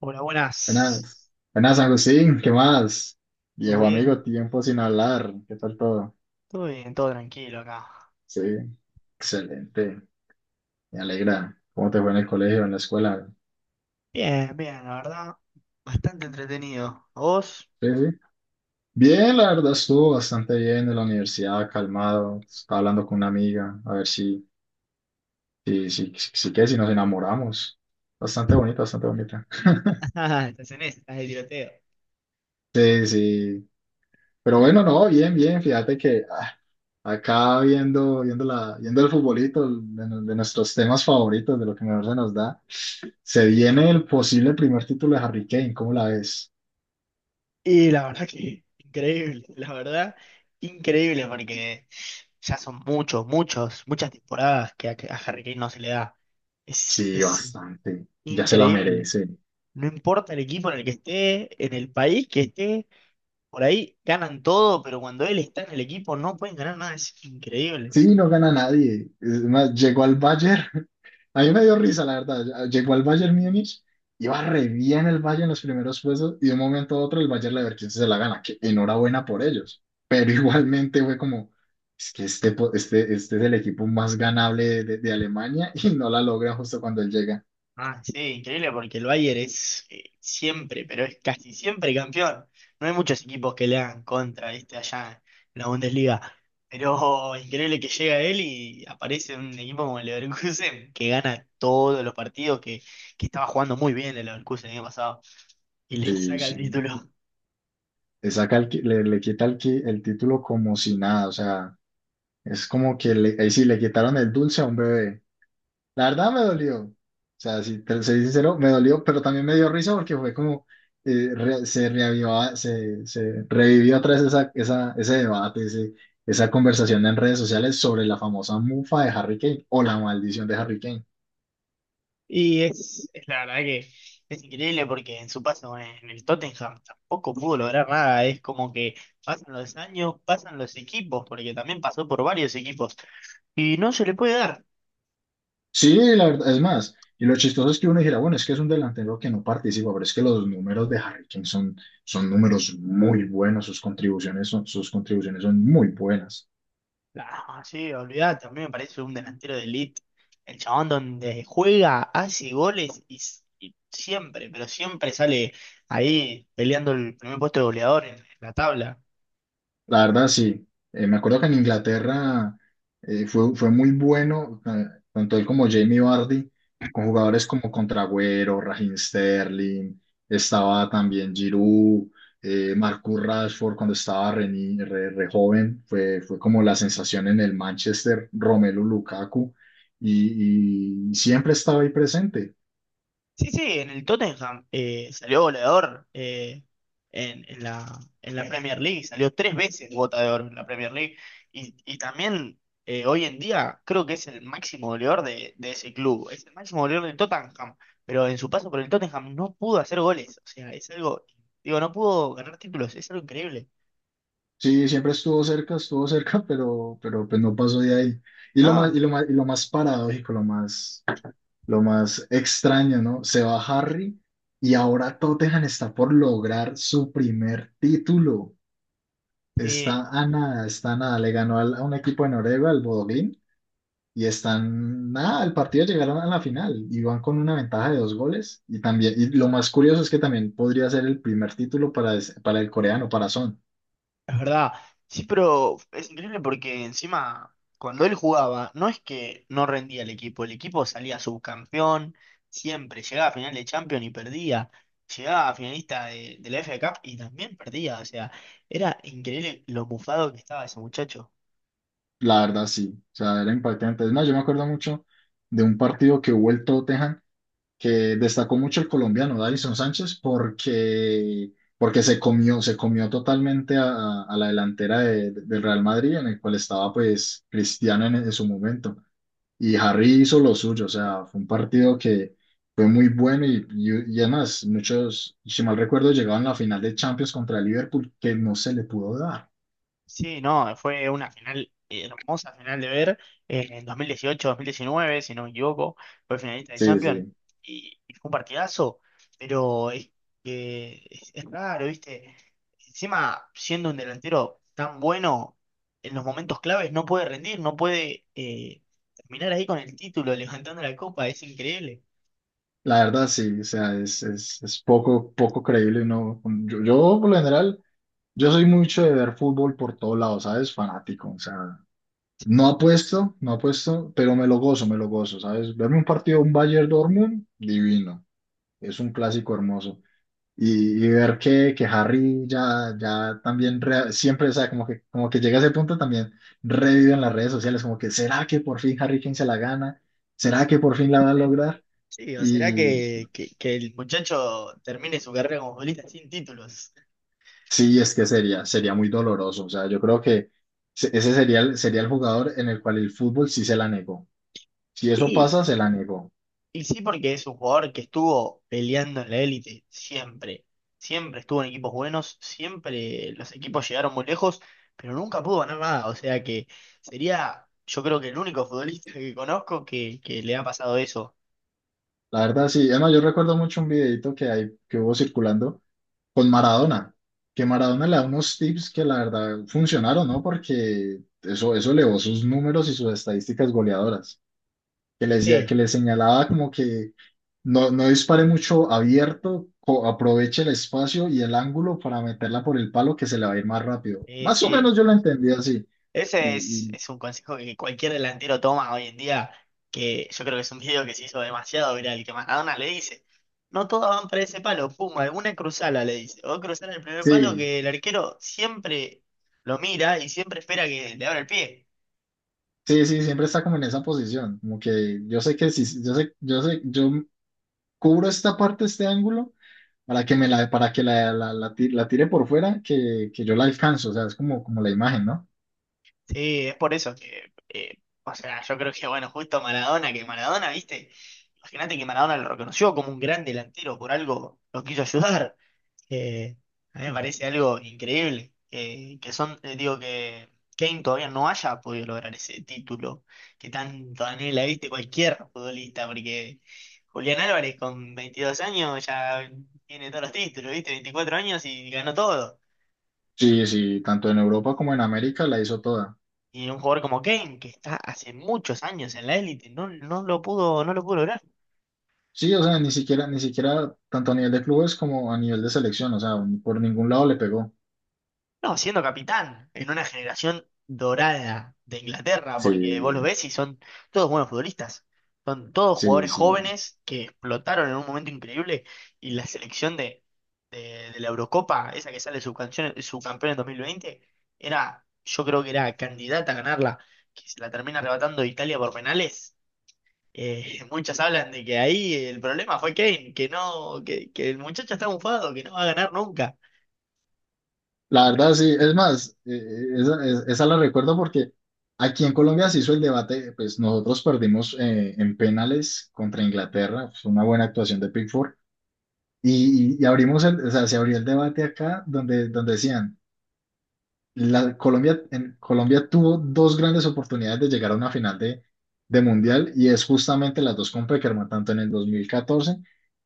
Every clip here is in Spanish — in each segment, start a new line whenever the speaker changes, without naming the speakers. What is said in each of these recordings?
Hola, buenas.
Buenas, buenas San Agustín, ¿qué más?
¿Todo
Viejo
bien?
amigo, tiempo sin hablar, ¿qué tal todo?
Todo bien, todo tranquilo acá.
Sí, excelente, me alegra. ¿Cómo te fue en el colegio, en la escuela?
Bien, bien, la verdad. Bastante entretenido. ¿Vos?
Sí, sí. Bien, la verdad estuvo bastante bien en la universidad, calmado, estaba hablando con una amiga, a ver si qué si nos enamoramos. Bastante bonita, bastante bonita.
Ah, estás en esa, estás de tiroteo.
Sí, sí. Pero bueno, no, bien, bien, fíjate que... acá viendo el futbolito, de nuestros temas favoritos, de lo que mejor se nos da, se viene el posible primer título de Harry Kane, ¿cómo la ves?
Y la verdad que increíble, la verdad, increíble porque ya son muchas temporadas que a Harry Kane no se le da. Es,
Sí,
es
bastante, ya se la
increíble.
merece.
No importa el equipo en el que esté, en el país que esté, por ahí ganan todo, pero cuando él está en el equipo no pueden ganar nada. Es increíble.
Sí, no gana nadie. Es más, llegó al Bayern. A mí me dio risa, la verdad. Llegó al Bayern Múnich, iba re bien el Bayern en los primeros puestos y de un momento a otro el Bayern Leverkusen se la gana. Que enhorabuena por ellos. Pero igualmente fue como, es que este es el equipo más ganable de, de Alemania y no la logra justo cuando él llega.
Ah, sí, increíble porque el Bayern es siempre, pero es casi siempre campeón. No hay muchos equipos que le hagan contra este allá en la Bundesliga. Pero increíble que llega él y aparece un equipo como el Leverkusen que gana todos los partidos, que estaba jugando muy bien el Leverkusen el año pasado y le
Sí,
saca el
sí.
título.
Le saca el qui- le quita el título como si nada. O sea, es como que le, ahí sí le quitaron el dulce a un bebé. La verdad me dolió. O sea, si te soy sincero, me dolió, pero también me dio risa porque fue como se reavivó, se revivió otra vez ese debate, esa conversación en redes sociales sobre la famosa mufa de Harry Kane o la maldición de Harry Kane.
Y es la verdad que es increíble porque en su paso en el Tottenham tampoco pudo lograr nada. Es como que pasan los años, pasan los equipos, porque también pasó por varios equipos. Y no se le puede dar.
Sí, la verdad, es más, y lo chistoso es que uno dijera, bueno, es que es un delantero que no participa, pero es que los números de Harry Kane son números muy buenos, sus contribuciones son muy buenas.
Ah, sí, olvidate, a mí me parece un delantero de elite. El chabón donde juega, hace goles y, y siempre, pero siempre sale ahí peleando el primer puesto de goleador en la tabla.
La verdad, sí. Me acuerdo que en Inglaterra fue muy bueno, tanto él como Jamie Vardy, con jugadores como Contragüero, Raheem Sterling, estaba también Giroud, Marcus Rashford cuando estaba re, ni- re- re joven, fue como la sensación en el Manchester, Romelu Lukaku, y siempre estaba ahí presente.
Sí, sí, en el Tottenham salió goleador en la Premier League, salió tres veces bota de oro en la Premier League y también hoy en día creo que es el máximo goleador de ese club, es el máximo goleador del Tottenham, pero en su paso por el Tottenham no pudo hacer goles, o sea, es algo, digo, no pudo ganar títulos, es algo increíble,
Sí, siempre estuvo cerca, pero pues no pasó de ahí.
¿no?
Y lo más paradójico, lo más extraño, ¿no? Se va Harry y ahora Tottenham está por lograr su primer título.
Eh,
Está a nada, está a nada. Le ganó a un equipo de Noruega, al Bodø/Glimt, y están nada, el partido llegaron a la final y van con una ventaja de dos goles. Y también, y lo más curioso es que también podría ser el primer título para, para el coreano, para Son.
Es verdad. Sí, pero es increíble porque encima, cuando él jugaba, no es que no rendía el equipo salía subcampeón, siempre, llegaba a final de Champions y perdía, llegaba a finalista de la FA Cup y también perdía, o sea, era increíble lo mufado que estaba ese muchacho.
La verdad, sí. O sea, era impactante. No, yo me acuerdo mucho de un partido que hubo el Tottenham que destacó mucho el colombiano Davinson Sánchez porque se comió totalmente a la delantera del Real Madrid, en el cual estaba pues Cristiano en su momento. Y Harry hizo lo suyo, o sea, fue un partido que fue muy bueno y además muchos, si mal recuerdo, llegaban a la final de Champions contra el Liverpool que no se le pudo dar.
Sí, no, fue una final hermosa final de ver en 2018-2019, si no me equivoco, fue finalista de
Sí,
Champions
sí.
y fue un partidazo, pero que es raro, ¿viste? Encima, siendo un delantero tan bueno, en los momentos claves no puede rendir, no puede terminar ahí con el título, levantando la copa, es increíble.
La verdad, sí, o sea, es poco, poco creíble, ¿no? Por lo general, yo soy mucho de ver fútbol por todos lados, ¿sabes? Fanático, o sea, no apuesto, no apuesto, pero me lo gozo, ¿sabes? Verme un partido, un Bayern Dortmund, divino, es un clásico hermoso. Y ver que Harry ya también, siempre, o sea, como que llega a ese punto también, revive en las redes sociales, como que, ¿será que por fin Harry Kane se la gana? ¿Será que por fin la va a
Sí.
lograr?
Sí, o será que el muchacho termine su carrera como futbolista sin títulos.
Sí, es que sería muy doloroso. O sea, yo creo que ese sería sería el jugador en el cual el fútbol sí se la negó. Si eso
Y
pasa, se la negó.
Y sí, porque es un jugador que estuvo peleando en la élite siempre. Siempre estuvo en equipos buenos, siempre los equipos llegaron muy lejos, pero nunca pudo ganar nada. O sea que sería, yo creo que el único futbolista que conozco que le ha pasado eso.
La verdad, sí. Además, yo recuerdo mucho un videito que hay, que hubo circulando con Maradona, que Maradona le da unos tips que la verdad funcionaron, ¿no? Porque eso elevó sus números y sus estadísticas goleadoras.
Sí,
Que les señalaba como que no, no dispare mucho abierto, aproveche el espacio y el ángulo para meterla por el palo que se le va a ir más rápido. Más o
sí.
menos yo lo entendí así. Y,
Ese es,
y
es un consejo que cualquier delantero toma hoy en día, que yo creo que es un video que se hizo demasiado viral, que Maradona le dice, no todas van para ese palo, pum, alguna cruzala, le dice, o cruzar el primer palo
sí,
que el arquero siempre lo mira y siempre espera que le abra el pie.
sí, siempre está como en esa posición, como que yo sé que si, yo cubro esta parte, este ángulo, para que me la, para que la tire por fuera, que yo la alcanzo, o sea, es como, como la imagen, ¿no?
Sí, es por eso que, o sea, yo creo que, bueno, justo Maradona, que Maradona, viste, imagínate que Maradona lo reconoció como un gran delantero, por algo lo quiso ayudar. Eh, a mí me parece algo increíble que, son, digo que Kane todavía no haya podido lograr ese título que tanto anhela, viste, cualquier futbolista, porque Julián Álvarez con 22 años ya tiene todos los títulos, viste, 24 años y ganó todo.
Sí, sí, tanto en Europa como en América la hizo toda.
Y un jugador como Kane, que está hace muchos años en la élite, no lo pudo lograr.
Sí, o sea, ni siquiera, ni siquiera tanto a nivel de clubes como a nivel de selección, o sea, por ningún lado le pegó.
No, siendo capitán en una generación dorada de Inglaterra,
Sí,
porque vos lo ves y son todos buenos futbolistas. Son todos
sí,
jugadores
sí.
jóvenes que explotaron en un momento increíble y la selección de, de la Eurocopa, esa que sale subcampeón, subcampeón en 2020, era, yo creo que era candidata a ganarla, que se la termina arrebatando Italia por penales. Muchas hablan de que ahí el problema fue Kane, que no, que el muchacho está bufado, que no va a ganar.
La verdad, sí. Es más, esa la recuerdo porque aquí en Colombia se hizo el debate, pues nosotros perdimos en penales contra Inglaterra, fue una buena actuación de Pickford, y, y abrimos el, o sea, se abrió el debate acá donde, donde decían... la Colombia, en Colombia tuvo dos grandes oportunidades de llegar a una final de Mundial y es justamente las dos con Peckerman, tanto en el 2014,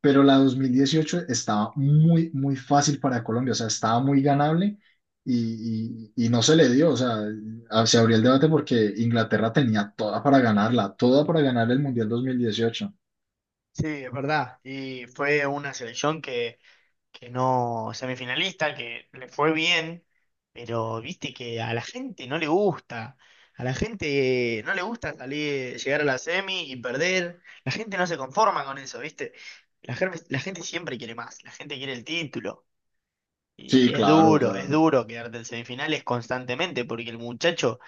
pero la 2018 estaba muy, muy fácil para Colombia, o sea, estaba muy ganable y, y no se le dio, o sea, se abrió el debate porque Inglaterra tenía toda para ganarla, toda para ganar el Mundial 2018.
Sí, es verdad. Y fue una selección que no semifinalista, que le fue bien, pero viste que a la gente no le gusta. A la gente no le gusta salir, llegar a la semi y perder. La gente no se conforma con eso, ¿viste? La gente siempre quiere más, la gente quiere el título.
Sí,
Y
claro, o
es
sea,
duro quedarte en semifinales constantemente porque el muchacho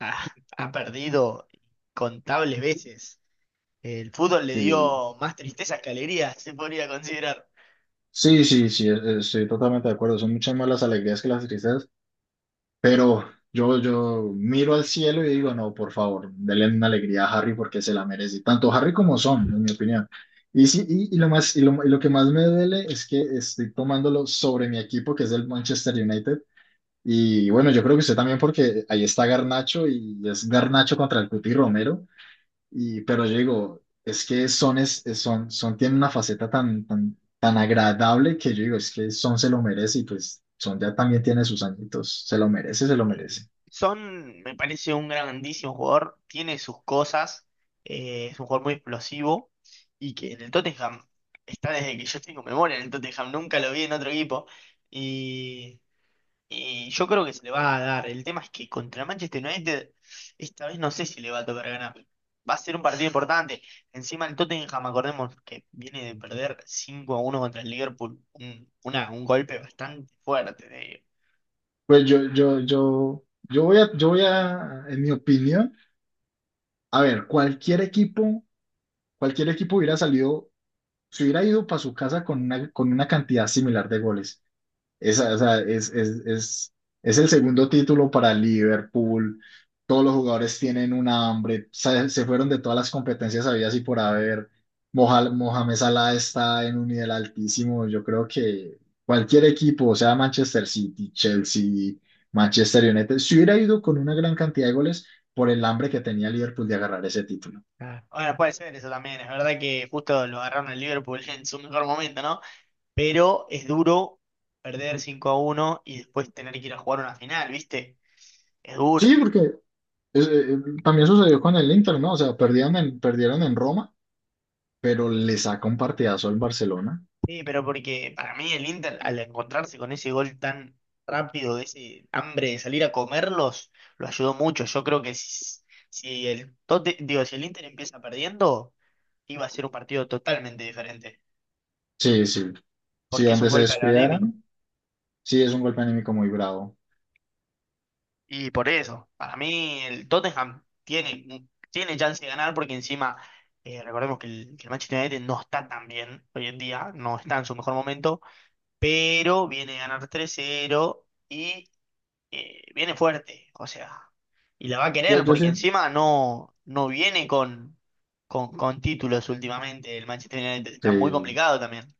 ha, ha perdido contables veces. El fútbol le
sí,
dio más tristezas que alegrías, se podría considerar.
sí, estoy totalmente de acuerdo, son muchas más las alegrías que las tristezas. Yo miro al cielo y digo, no, por favor, denle una alegría a Harry porque se la merece. Tanto Harry como Son, en mi opinión. Y, sí, y lo que más me duele es que estoy tomándolo sobre mi equipo, que es el Manchester United. Y bueno, yo creo que usted también, porque ahí está Garnacho y es Garnacho contra el Cuti Romero. Y, pero yo digo, es que Son, es- Son, Son tiene una faceta tan agradable que yo digo, es que Son se lo merece y pues Son ya también tiene sus añitos. Se lo merece, se lo
Eh,
merece.
Son, me parece un grandísimo jugador, tiene sus cosas, es un jugador muy explosivo y que en el Tottenham está desde que yo tengo memoria en el Tottenham, nunca lo vi en otro equipo. Y Y yo creo que se le va a dar. El tema es que contra Manchester United, esta vez no sé si le va a tocar ganar. Va a ser un partido importante. Encima el Tottenham, acordemos que viene de perder 5-1 contra el Liverpool. Un golpe bastante fuerte, te digo.
Pues yo voy a, en mi opinión, a ver, cualquier equipo hubiera salido, se hubiera ido para su casa con una cantidad similar de goles. Esa, o sea, es el segundo título para Liverpool. Todos los jugadores tienen una hambre. Se fueron de todas las competencias habidas y por haber. Mohamed Salah está en un nivel altísimo. Yo creo que cualquier equipo, o sea Manchester City, Chelsea, Manchester United, se hubiera ido con una gran cantidad de goles por el hambre que tenía Liverpool de agarrar ese título.
Ah, bueno, puede ser eso también. Es verdad que justo lo agarraron al Liverpool en su mejor momento, ¿no? Pero es duro perder 5-1 y después tener que ir a jugar una final, ¿viste? Es
Sí,
duro.
porque eh, también sucedió con el Inter, ¿no? O sea, perdieron en Roma pero le saca un partidazo al Barcelona.
Sí, pero porque para mí el Inter, al encontrarse con ese gol tan rápido, ese hambre de salir a comerlos, lo ayudó mucho. Yo creo que si el Inter empieza perdiendo, iba a ser un partido totalmente diferente,
Sí, sí. Si
porque es un
donde se
golpe anímico.
descuidaran, sí es un golpe anímico muy bravo.
Y por eso, para mí el Tottenham tiene, tiene chance de ganar porque encima, recordemos que el Manchester United no está tan bien hoy en día, no está en su mejor momento, pero viene a ganar 3-0 y viene fuerte, o sea, y la va a
Yo,
querer
yo
porque
siento,
encima no viene con títulos últimamente, el Manchester United está muy
sí,
complicado también.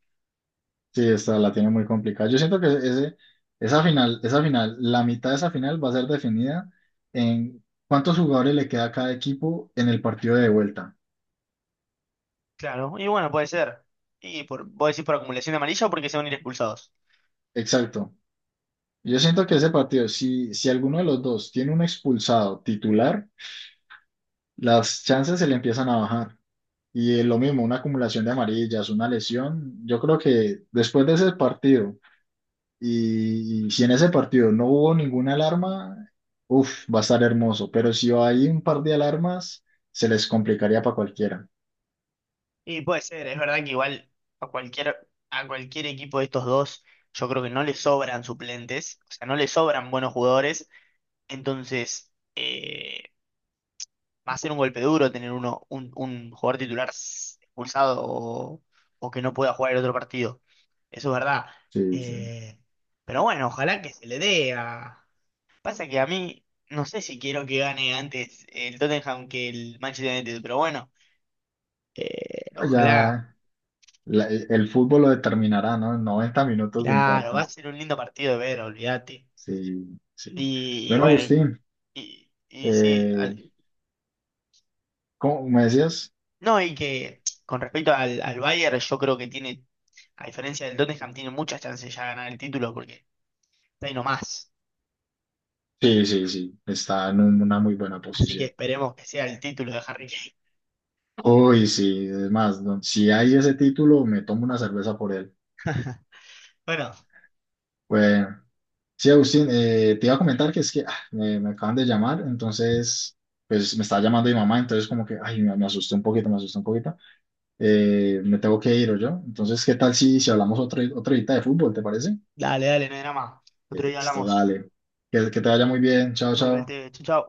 sí, esta la tiene muy complicada. Yo siento que esa final, la mitad de esa final va a ser definida en cuántos jugadores le queda a cada equipo en el partido de vuelta.
Claro, y bueno, puede ser. Y vos decís por acumulación de amarilla o porque se van a ir expulsados.
Exacto. Yo siento que ese partido, si, si alguno de los dos tiene un expulsado titular, las chances se le empiezan a bajar. Y lo mismo, una acumulación de amarillas, una lesión. Yo creo que después de ese partido, y si en ese partido no hubo ninguna alarma, uff, va a estar hermoso. Pero si hay un par de alarmas, se les complicaría para cualquiera.
Y puede ser, es verdad que igual a cualquier equipo de estos dos, yo creo que no le sobran suplentes, o sea, no le sobran buenos jugadores, entonces... va a ser un golpe duro tener un jugador titular expulsado o que no pueda jugar el otro partido. Eso es verdad.
Sí, sí.
Eh, pero bueno, ojalá que se le dé a... Pasa que a mí no sé si quiero que gane antes el Tottenham que el Manchester United, pero bueno, ojalá.
Ya el fútbol lo determinará, ¿no? 90 minutos de
Claro, va
infarto.
a ser un lindo partido de ver, olvídate.
Sí, sí.
Y, y
Bueno,
bueno,
Agustín,
y, y sí,
eh,
al-
¿cómo me decías?
No, y que con respecto al Bayern, yo creo que tiene, a diferencia del Tottenham, tiene muchas chances ya de ganar el título porque está ahí nomás.
Sí, sí, sí. Está en una muy buena
Así que
posición.
esperemos que sea el título de Harry Kane.
Uy, sí, es más, si hay ese título, me tomo una cerveza por él.
Bueno,
Bueno, sí, Agustín, te iba a comentar que es que me acaban de llamar, entonces, pues me estaba llamando mi mamá, entonces como que, ay, me asusté un poquito, me asusté un poquito. Me tengo que ir, yo. Entonces, ¿qué tal si, si hablamos otra horita de fútbol, te parece?
dale, dale, no hay drama. Otro día
Esto,
hablamos.
dale. Que te vaya muy bien, chao, chao.
Igualmente, chau, chau.